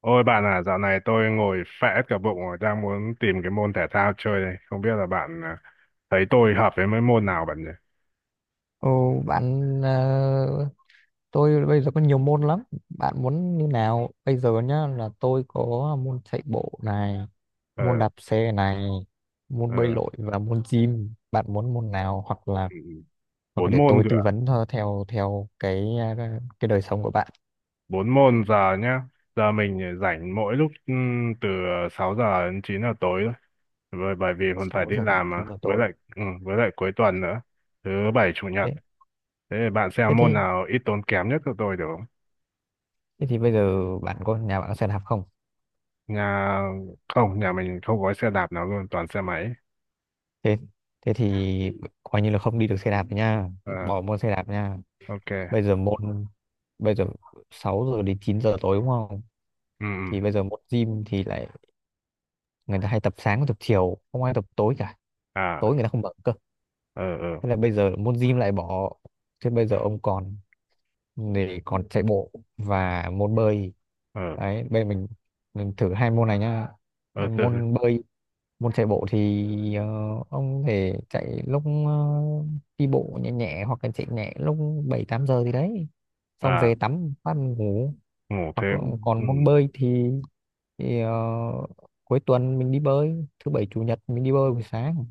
Ôi bạn à, dạo này tôi ngồi phẽ cả bụng rồi, đang muốn tìm cái môn thể thao chơi đây. Không biết là bạn à, thấy tôi hợp với mấy môn nào bạn nhỉ? Ồ, bạn, tôi bây giờ có nhiều môn lắm. Bạn muốn như nào? Bây giờ nhá là tôi có môn chạy bộ này, Ờ, môn đạp xe này, ờ, môn bơi lội và môn gym. Bạn muốn môn nào hoặc là ừ, hoặc là bốn để môn tôi tư cửa, vấn thôi theo theo cái đời sống của bạn. bốn môn giờ nhá. Giờ mình rảnh mỗi lúc từ 6 giờ đến 9 giờ tối thôi. Bởi vì còn phải sáu đi giờ làm mà, chín giờ với tối. lại ừ, với lại cuối tuần nữa, thứ bảy chủ nhật. Thế Thế thì bạn thế xem môn thì nào ít tốn kém nhất cho tôi được không? thế thì bây giờ bạn có nhà bạn có xe đạp không? Nhà không, nhà mình không có xe đạp nào luôn, toàn xe máy. Thế thế thì coi như là không đi được xe đạp nha, Ờ, bỏ môn xe đạp nha. ok. bây giờ môn Bây giờ 6 giờ đến 9 giờ tối đúng không? Ừ, ừ. Thì bây giờ môn gym thì lại người ta hay tập sáng tập chiều, không ai tập tối cả, À. tối người ta không bận cơ. Ờ, ờ, Thế là bây giờ môn gym lại bỏ. Thế bây giờ ông còn để còn chạy bộ và môn bơi. ờ, Đấy bây giờ mình thử hai môn này nhá. ờ. Từ từ. Môn bơi, môn chạy bộ thì ông thể chạy lúc đi bộ nhẹ nhẹ hoặc là chạy nhẹ lúc 7, 8 giờ thì đấy xong À, về tắm phát ngủ. ngủ thế. Hoặc là Ừ. còn môn bơi thì, thì ờ, cuối tuần mình đi bơi, thứ bảy chủ nhật mình đi bơi buổi sáng.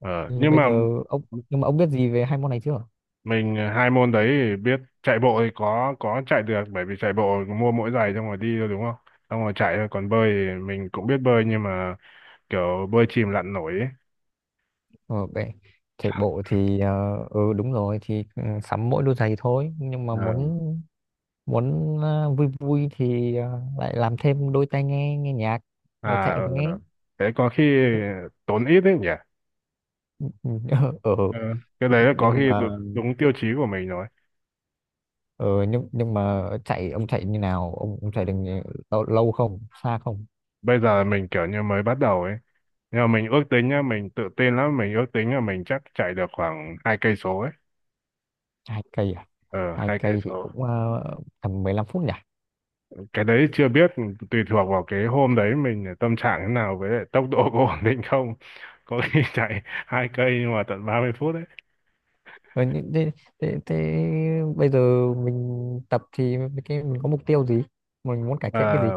Ờ. Thì Nhưng bây mà giờ ông Nhưng mà ông biết gì về hai môn này chưa? mình hai môn đấy thì biết. Chạy bộ thì có chạy được, bởi vì chạy bộ mua mỗi giày xong rồi đi thôi, đúng không? Xong rồi chạy thôi. Còn bơi thì mình cũng biết bơi, nhưng mà kiểu bơi chìm lặn nổi ấy. Ờ, về chạy bộ thì ừ, đúng rồi, thì ừ, sắm mỗi đôi giày thôi, nhưng mà Ờ. muốn muốn vui vui thì lại làm thêm đôi tai nghe, nghe nhạc và À, chạy ờ, và nghe. ờ. Thế có khi tốn ít đấy nhỉ. Ừ, ừ. Ờ, cái đấy là có nhưng khi mà đúng, đúng tiêu chí của mình rồi. nhưng mà chạy ông chạy như nào, ông chạy được lâu không, xa không? Bây giờ mình kiểu như mới bắt đầu ấy, nhưng mà mình ước tính nhá, mình tự tin lắm, mình ước tính là mình chắc chạy được khoảng 2 cây số ấy. 2 cây à? Ờ, hai hai cây cây thì số cũng tầm 15 phút nhỉ? Cái đấy chưa biết, tùy thuộc vào cái hôm đấy mình tâm trạng thế nào, với lại tốc độ có ổn định không. Có khi chạy 2 cây nhưng mà tận 30 phút. Thế, thế, thế, thế bây giờ mình tập thì mình, cái mình có mục tiêu gì, mình muốn cải thiện cái gì? Đấy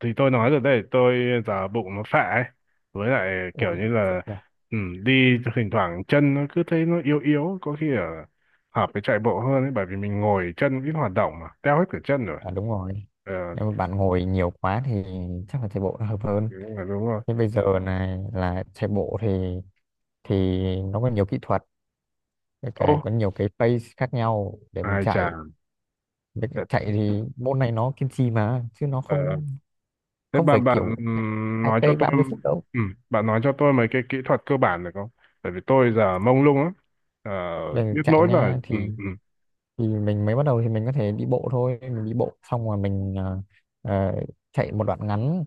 thì tôi nói rồi đây, tôi giả bụng nó phệ ấy, với lại kiểu Ủa, như thật là ra- ừ, đi thỉnh thoảng chân nó cứ thấy nó yếu yếu, có khi ở hợp với chạy bộ hơn ấy, bởi vì mình ngồi chân ít hoạt động mà teo hết cả chân rồi. À, đúng rồi, Ờ, nếu mà bạn ngồi nhiều quá thì chắc là chạy bộ nó hợp hơn. thì đúng rồi, đúng rồi. Thế bây giờ này là chạy bộ thì nó có nhiều kỹ thuật, với cả Ô, có nhiều cái pace khác nhau để mình ai chà. chạy. Với cả thế, chạy thì môn này nó kiên trì mà chứ nó ờ, không thế không phải bạn bạn kiểu hai nói cho cây tôi. 30 phút đâu. Ừ, bạn nói cho tôi mấy cái kỹ thuật cơ bản được không? Bởi vì tôi giờ mông lung lắm. ờ, Về biết chạy nỗi là. nha thì Ừ, ừ, thì mình mới bắt đầu thì mình có thể đi bộ thôi, mình đi bộ xong rồi mình ờ, chạy một đoạn ngắn,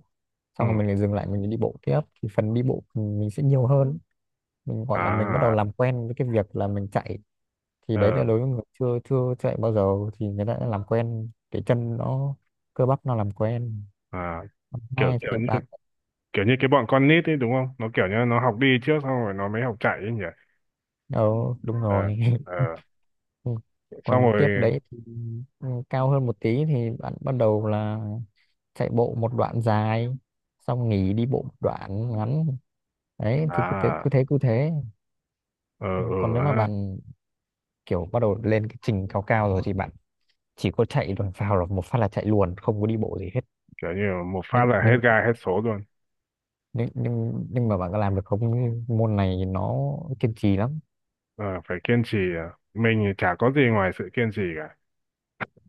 ừ. xong rồi mình lại dừng lại, mình đi bộ tiếp, thì phần đi bộ mình sẽ nhiều hơn, mình gọi là mình bắt đầu À. làm quen với cái việc là mình chạy. Thì đấy Ờ. là đối với người chưa chưa chạy bao giờ thì người ta đã làm quen, cái chân nó, cơ bắp nó làm quen. À, kiểu Hai thì bạn, kiểu như cái bọn con nít ấy, đúng không? Nó kiểu như nó học đi trước, xong rồi nó mới học chạy ấy nhỉ. ờ đúng Ờ, rồi. ờ. Ừ. Xong Còn tiếp rồi. đấy thì ừ, cao hơn một tí thì bạn bắt đầu là chạy bộ một đoạn dài xong nghỉ đi bộ một đoạn ngắn. Đấy thì cứ thế À. cứ thế cứ thế. Ờ, ừ Còn nếu mà ha. bạn kiểu bắt đầu lên cái trình cao cao rồi thì bạn chỉ có chạy, rồi vào là một phát là chạy luôn, không có đi bộ gì hết. Kiểu như một phát nhưng là hết nhưng gai hết số luôn. nhưng nhưng, nhưng mà bạn có làm được không? Môn này nó kiên trì lắm. Ờ, phải kiên trì à. Mình thì chả có gì ngoài sự kiên trì,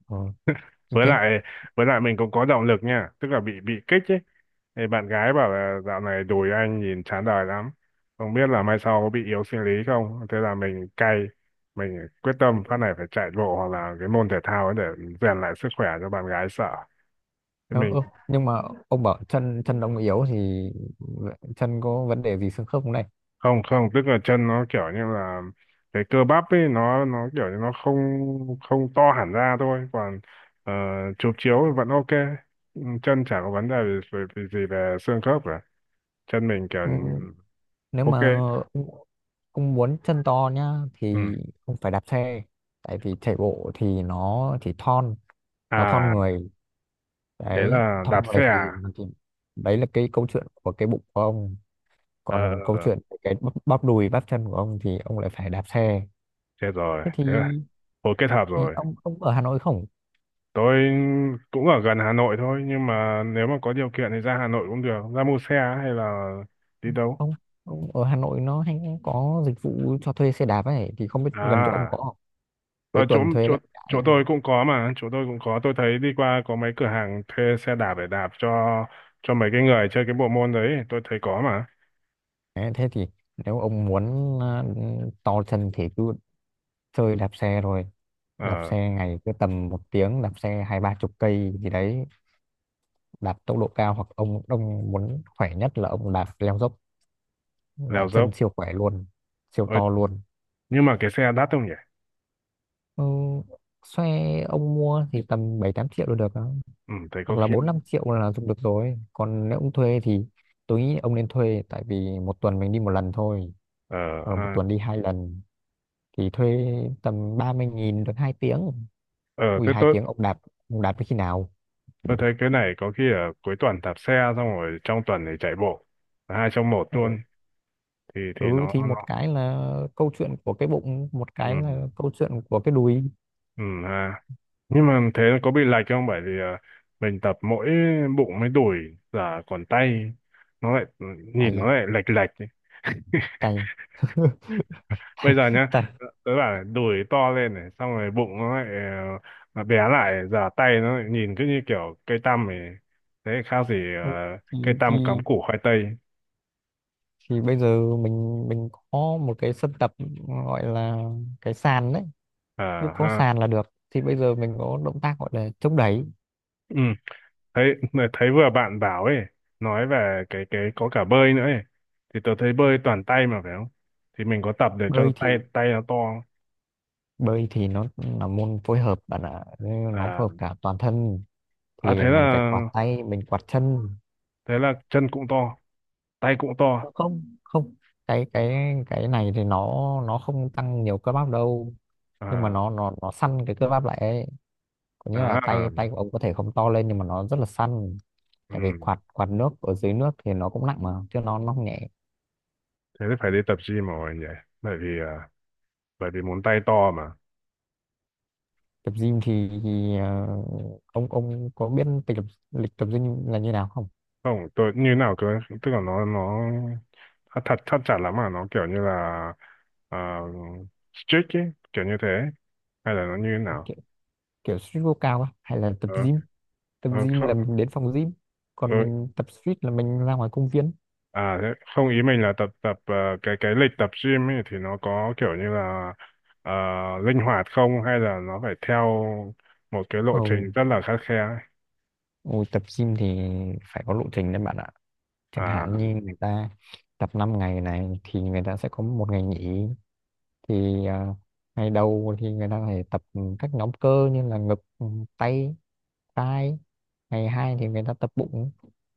ờ, Như với thế. lại với lại mình cũng có động lực nha, tức là bị kích ấy. Thì bạn gái bảo là dạo này đùi anh nhìn chán đời lắm, không biết là mai sau có bị yếu sinh lý không, thế là mình cay. Mình quyết tâm phát này phải chạy bộ hoặc là cái môn thể thao ấy để rèn lại sức khỏe cho bạn gái sợ. Thì Ờ, mình ơ, nhưng mà ông bảo chân chân ông yếu thì chân có vấn đề gì xương khớp không này? không, không, tức là chân nó kiểu như là cái cơ bắp ấy nó kiểu như nó không không to hẳn ra thôi. Còn ờ, chụp chiếu thì vẫn ok. Ừ, chân chả có vấn đề gì, gì về xương khớp cả. Chân mình kiểu Ừ, nếu ok. mà ông muốn chân to nhá Ừ. thì ông phải đạp xe, tại vì chạy bộ thì nó chỉ thon, nó thon À, người. thế Đấy là thon đạp xe người thì, à? thì đấy là cái câu chuyện của cái bụng của ông, Ờ, ờ, còn câu ờ, chuyện về cái bắp đùi bắp chân của ông thì ông lại phải đạp xe. chết rồi, thế thì, thế là hồi kết hợp thì rồi. ông ở Hà Nội không? Tôi cũng ở gần Hà Nội thôi, nhưng mà nếu mà có điều kiện thì ra Hà Nội cũng được, ra mua xe hay là đi đâu. Ông ông ở Hà Nội nó hay có dịch vụ cho thuê xe đạp ấy, thì không biết gần chỗ ông có À, không? Cuối ở chỗ tuần thuê chỗ lại chỗ đấy. tôi cũng có mà, chỗ tôi cũng có. Tôi thấy đi qua có mấy cửa hàng thuê xe đạp để đạp cho mấy cái người chơi cái bộ môn đấy, tôi thấy có mà. Đấy, thế thì nếu ông muốn to chân thì cứ chơi đạp xe rồi. Đạp Ờ. xe ngày cứ tầm 1 tiếng, đạp xe hai ba chục cây gì đấy, đạp tốc độ cao, hoặc ông, muốn khỏe nhất là ông đạp leo dốc Leo là chân dốc. siêu khỏe luôn, siêu Ôi, to luôn. nhưng mà cái xe đắt không nhỉ? Ừ, xe ông mua thì tầm 7, 8 triệu là được đó, Ừ, thấy có hoặc là khi. 4, 5 triệu là dùng được rồi. Còn nếu ông thuê thì tôi nghĩ ông nên thuê, tại vì một tuần mình đi một lần thôi Ờ hoặc là một ha. tuần đi hai lần thì thuê tầm 30.000 được 2 tiếng. Ờ, Ui, thế hai tôi tiếng ông đạp tới khi nào. tôi thấy cái này có khi ở cuối tuần đạp xe, xong rồi trong tuần thì chạy bộ, hai trong một Ừ, luôn. Thì ừ, nó thì nó một cái là câu chuyện của cái bụng, một Ừ. cái là câu chuyện của cái đùi. Ừ ha. Nhưng mà thế có bị lệch không? Bởi vì mình tập mỗi bụng mới đùi, giờ còn tay nó lại, nhìn Tay á? nó lại lệch lệch ấy. Tay Bây tay, giờ nhá, tay. tớ bảo đùi to lên này, xong rồi bụng nó lại bé lại, giờ tay nó lại nhìn cứ như kiểu cây tăm ấy, thế khác gì Ừ, thì, cây thì tăm cắm củ khoai tây. thì bây giờ mình có một cái sân tập gọi là cái sàn đấy. À Cứ có ha. sàn là được, thì bây giờ mình có động tác gọi là chống đẩy. Ừ, thấy thấy vừa bạn bảo ấy, nói về cái có cả bơi nữa ấy. Thì tớ thấy bơi toàn tay mà phải không? Thì mình có tập để cho bơi tay thì tay nó to. bơi thì nó là môn phối hợp bạn ạ, nên nó À. phối hợp cả toàn thân, À, thì thế là mình phải quạt tay, mình quạt chân. thế là chân cũng to, tay cũng to. Ờ, không, không, cái này thì nó không tăng nhiều cơ bắp đâu, nhưng mà À, nó săn cái cơ bắp lại ấy. Có nghĩa là à. tay tay của ông có thể không to lên nhưng mà nó rất là săn, Ừ. tại vì quạt quạt nước, ở dưới nước thì nó cũng nặng mà chứ nó không nhẹ. Thế thì phải đi tập gym rồi nhỉ. Bởi vì à, bởi vì muốn tay to. Tập gym thì, ông có biết lịch tập gym là như nào không? Không, tôi như nào, tôi tức là nó thật thật thắt chặt lắm, mà nó kiểu như là uh, strict ấy, kiểu như thế, hay là nó như thế Ông nào? kiểu, street workout á, hay là tập Ờ, gym? Tập ờ, gym không, là mình đến phòng gym, ờ. còn mình tập street là mình ra ngoài công viên. À, thế không, ý mình là tập tập cái lịch tập gym ấy thì nó có kiểu như là ờ, linh hoạt không, hay là nó phải theo một cái lộ Ồ, trình rất là khắt khe ấy? Ôi, tập gym thì phải có lộ trình đấy bạn ạ. Chẳng À, hạn như người ta tập 5 ngày này thì người ta sẽ có một ngày nghỉ. Thì ngày đầu thì người ta phải tập các nhóm cơ như là ngực, tay, vai. Ngày 2 thì người ta tập bụng,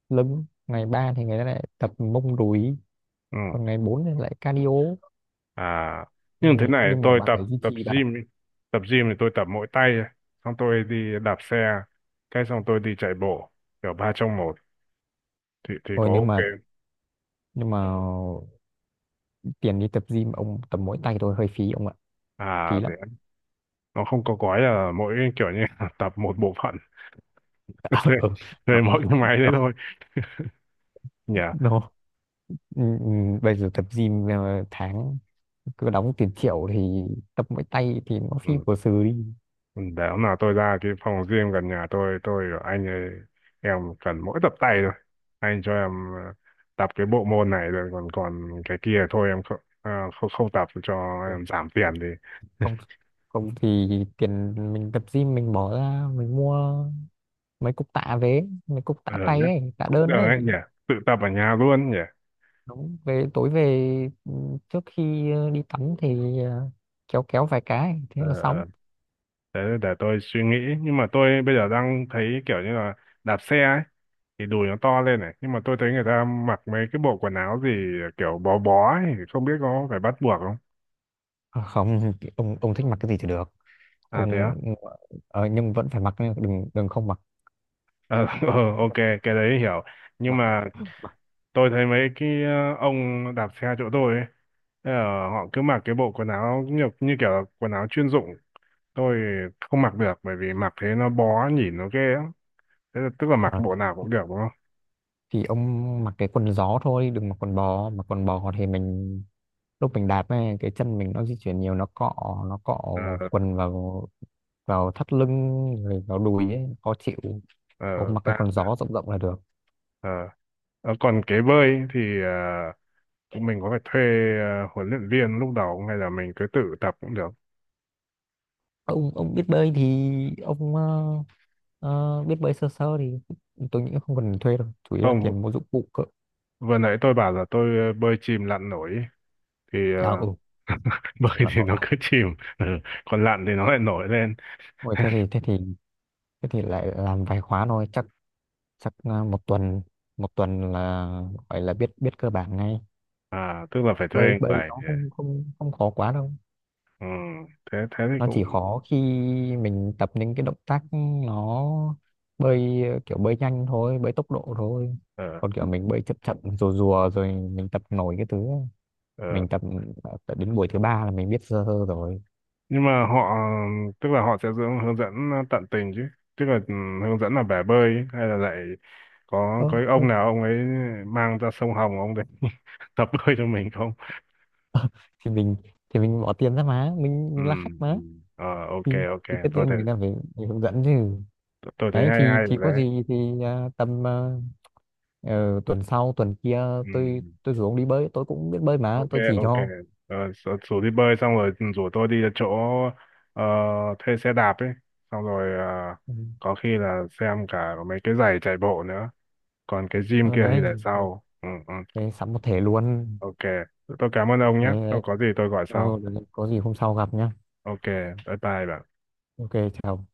lưng. Ngày 3 thì người ta lại tập mông, đùi. ừ. Còn ngày 4 thì lại cardio. À, Ừ, nhưng thế này nhưng mà tôi bạn tập phải duy tập trì bạn ạ. gym, ý. Tập gym thì tôi tập mỗi tay, ấy. Xong tôi đi đạp xe, cái xong tôi đi chạy bộ, kiểu ba trong một, thì Ôi có ok. nhưng mà tiền đi tập gym ông tập mỗi tay thôi hơi phí ông ạ, phí À lắm. thế nó không có gói là mỗi kiểu như là tập một bộ phận thuê Ừ. thuê nó, mỗi cái máy đấy nó, thôi nhỉ. nó. Ừ, ừ, bây giờ tập gym tháng cứ đóng tiền triệu thì tập mỗi tay thì nó phi Ừ. của sừ đi. Ừ, để hôm nào tôi ra cái phòng gym gần nhà, tôi bảo anh ơi, em cần mỗi tập tay thôi, anh cho em tập cái bộ môn này rồi, còn còn cái kia thôi, em không ờ, không, không tập, cho Một- em giảm tiền thì. Không, không thì tiền mình tập gym mình bỏ ra mình mua mấy cục tạ về, mấy cục tạ Ờ tay nhá, ấy, tạ cũng được đơn ấy ấy. nhỉ, tự tập ở nhà luôn nhỉ. Đúng, về tối về, ừ, trước khi đi tắm thì kéo kéo vài cái thế là Ờ, xong. ờ. Thế để tôi suy nghĩ. Nhưng mà tôi bây giờ đang thấy kiểu như là đạp xe ấy thì đùi nó to lên này, nhưng mà tôi thấy người ta mặc mấy cái bộ quần áo gì kiểu bó bó ấy, không biết có phải bắt buộc không. À, không, ông thích mặc cái gì thì được. À thế Ông á. Nhưng vẫn phải mặc nhá, đừng đừng không mặc, Ờ, ờ, ok cái đấy hiểu. Nhưng mặc. mà tôi thấy mấy cái ông đạp xe chỗ tôi ấy, ờ, họ cứ mặc cái bộ quần áo như kiểu là quần áo chuyên dụng. Tôi không mặc được bởi vì mặc thế nó bó, nhìn nó ghê lắm. Thế là, tức là mặc Ờ, bộ nào cũng được đúng không? thì ông mặc cái quần gió thôi, đừng mặc quần bò. Mặc quần bò thì mình lúc mình đạp ấy, cái chân mình nó di chuyển nhiều nó cọ, nó cọ Ờ, quần vào, vào thắt lưng rồi vào đùi ấy, khó chịu. ờ, Ông mặc cái ra quần ra. gió rộng rộng là được. Ờ. Ờ, còn cái bơi thì mình có phải thuê huấn luyện viên lúc đầu không? Hay là mình cứ tự tập cũng được? Ông biết bơi thì ông biết bơi sơ sơ thì tôi nghĩ không cần thuê đâu, chủ yếu là Không, tiền mua dụng cụ cơ. vừa nãy tôi bảo là tôi bơi chìm lặn nổi ấy. Thì À, ừ. bơi Lợn thì nổi nó à? cứ chìm. Ừ. Còn lặn thì nó lại nổi lên. Ôi, thế thì lại làm vài khóa thôi, chắc chắc ờ, một tuần, là gọi là biết biết cơ bản ngay. À, tức là phải thuê Bơi bơi người nó để. không, không khó quá đâu, Ừ. thế thế thì nó cũng. chỉ khó khi mình tập những cái động tác, nó bơi kiểu bơi nhanh thôi, bơi tốc độ thôi. Ờ, Còn kiểu mình bơi chậm chậm rùa rùa rồi mình tập nổi cái thứ ấy. ờ. Mình tập, đến buổi thứ ba là mình biết sơ sơ rồi. Nhưng mà họ, tức là họ sẽ hướng hướng dẫn tận tình chứ, tức là ừ, hướng dẫn là bể bơi ấy, hay là lại có Ơ có cái ông nào ông ấy mang ra sông Hồng, ông đấy tập bơi cho mình không? thì mình, thì mình bỏ tiền ra mà, mình Ừ, mình là khách ừ. mà. Ờ, ok, Thì, ok, tất tôi nhiên thấy người ta phải, hướng dẫn chứ. tôi thấy Đấy hay thì hay rồi có đấy. gì thì à, tầm, tuần sau tuần kia Ừ, ừ. tôi rủ ông đi bơi, tôi cũng biết bơi mà OK. tôi chỉ cho. OK，sợ- rủ rủ đi bơi, xong rồi ừ, rủ tôi đi chỗ ờ, thuê xe đạp ấy, xong rồi Ừ. có khi là xem cả mấy cái giày chạy bộ nữa, còn cái gym Ừ, kia thì đấy. để sau. Ừ, ừ. Thế sắm một thể luôn. OK, tôi cảm ơn ông nhé, Đấy, đấy. xong có gì tôi gọi Ờ, sau. có gì hôm sau gặp nhá. OK, bye bye bạn. Ok, chào.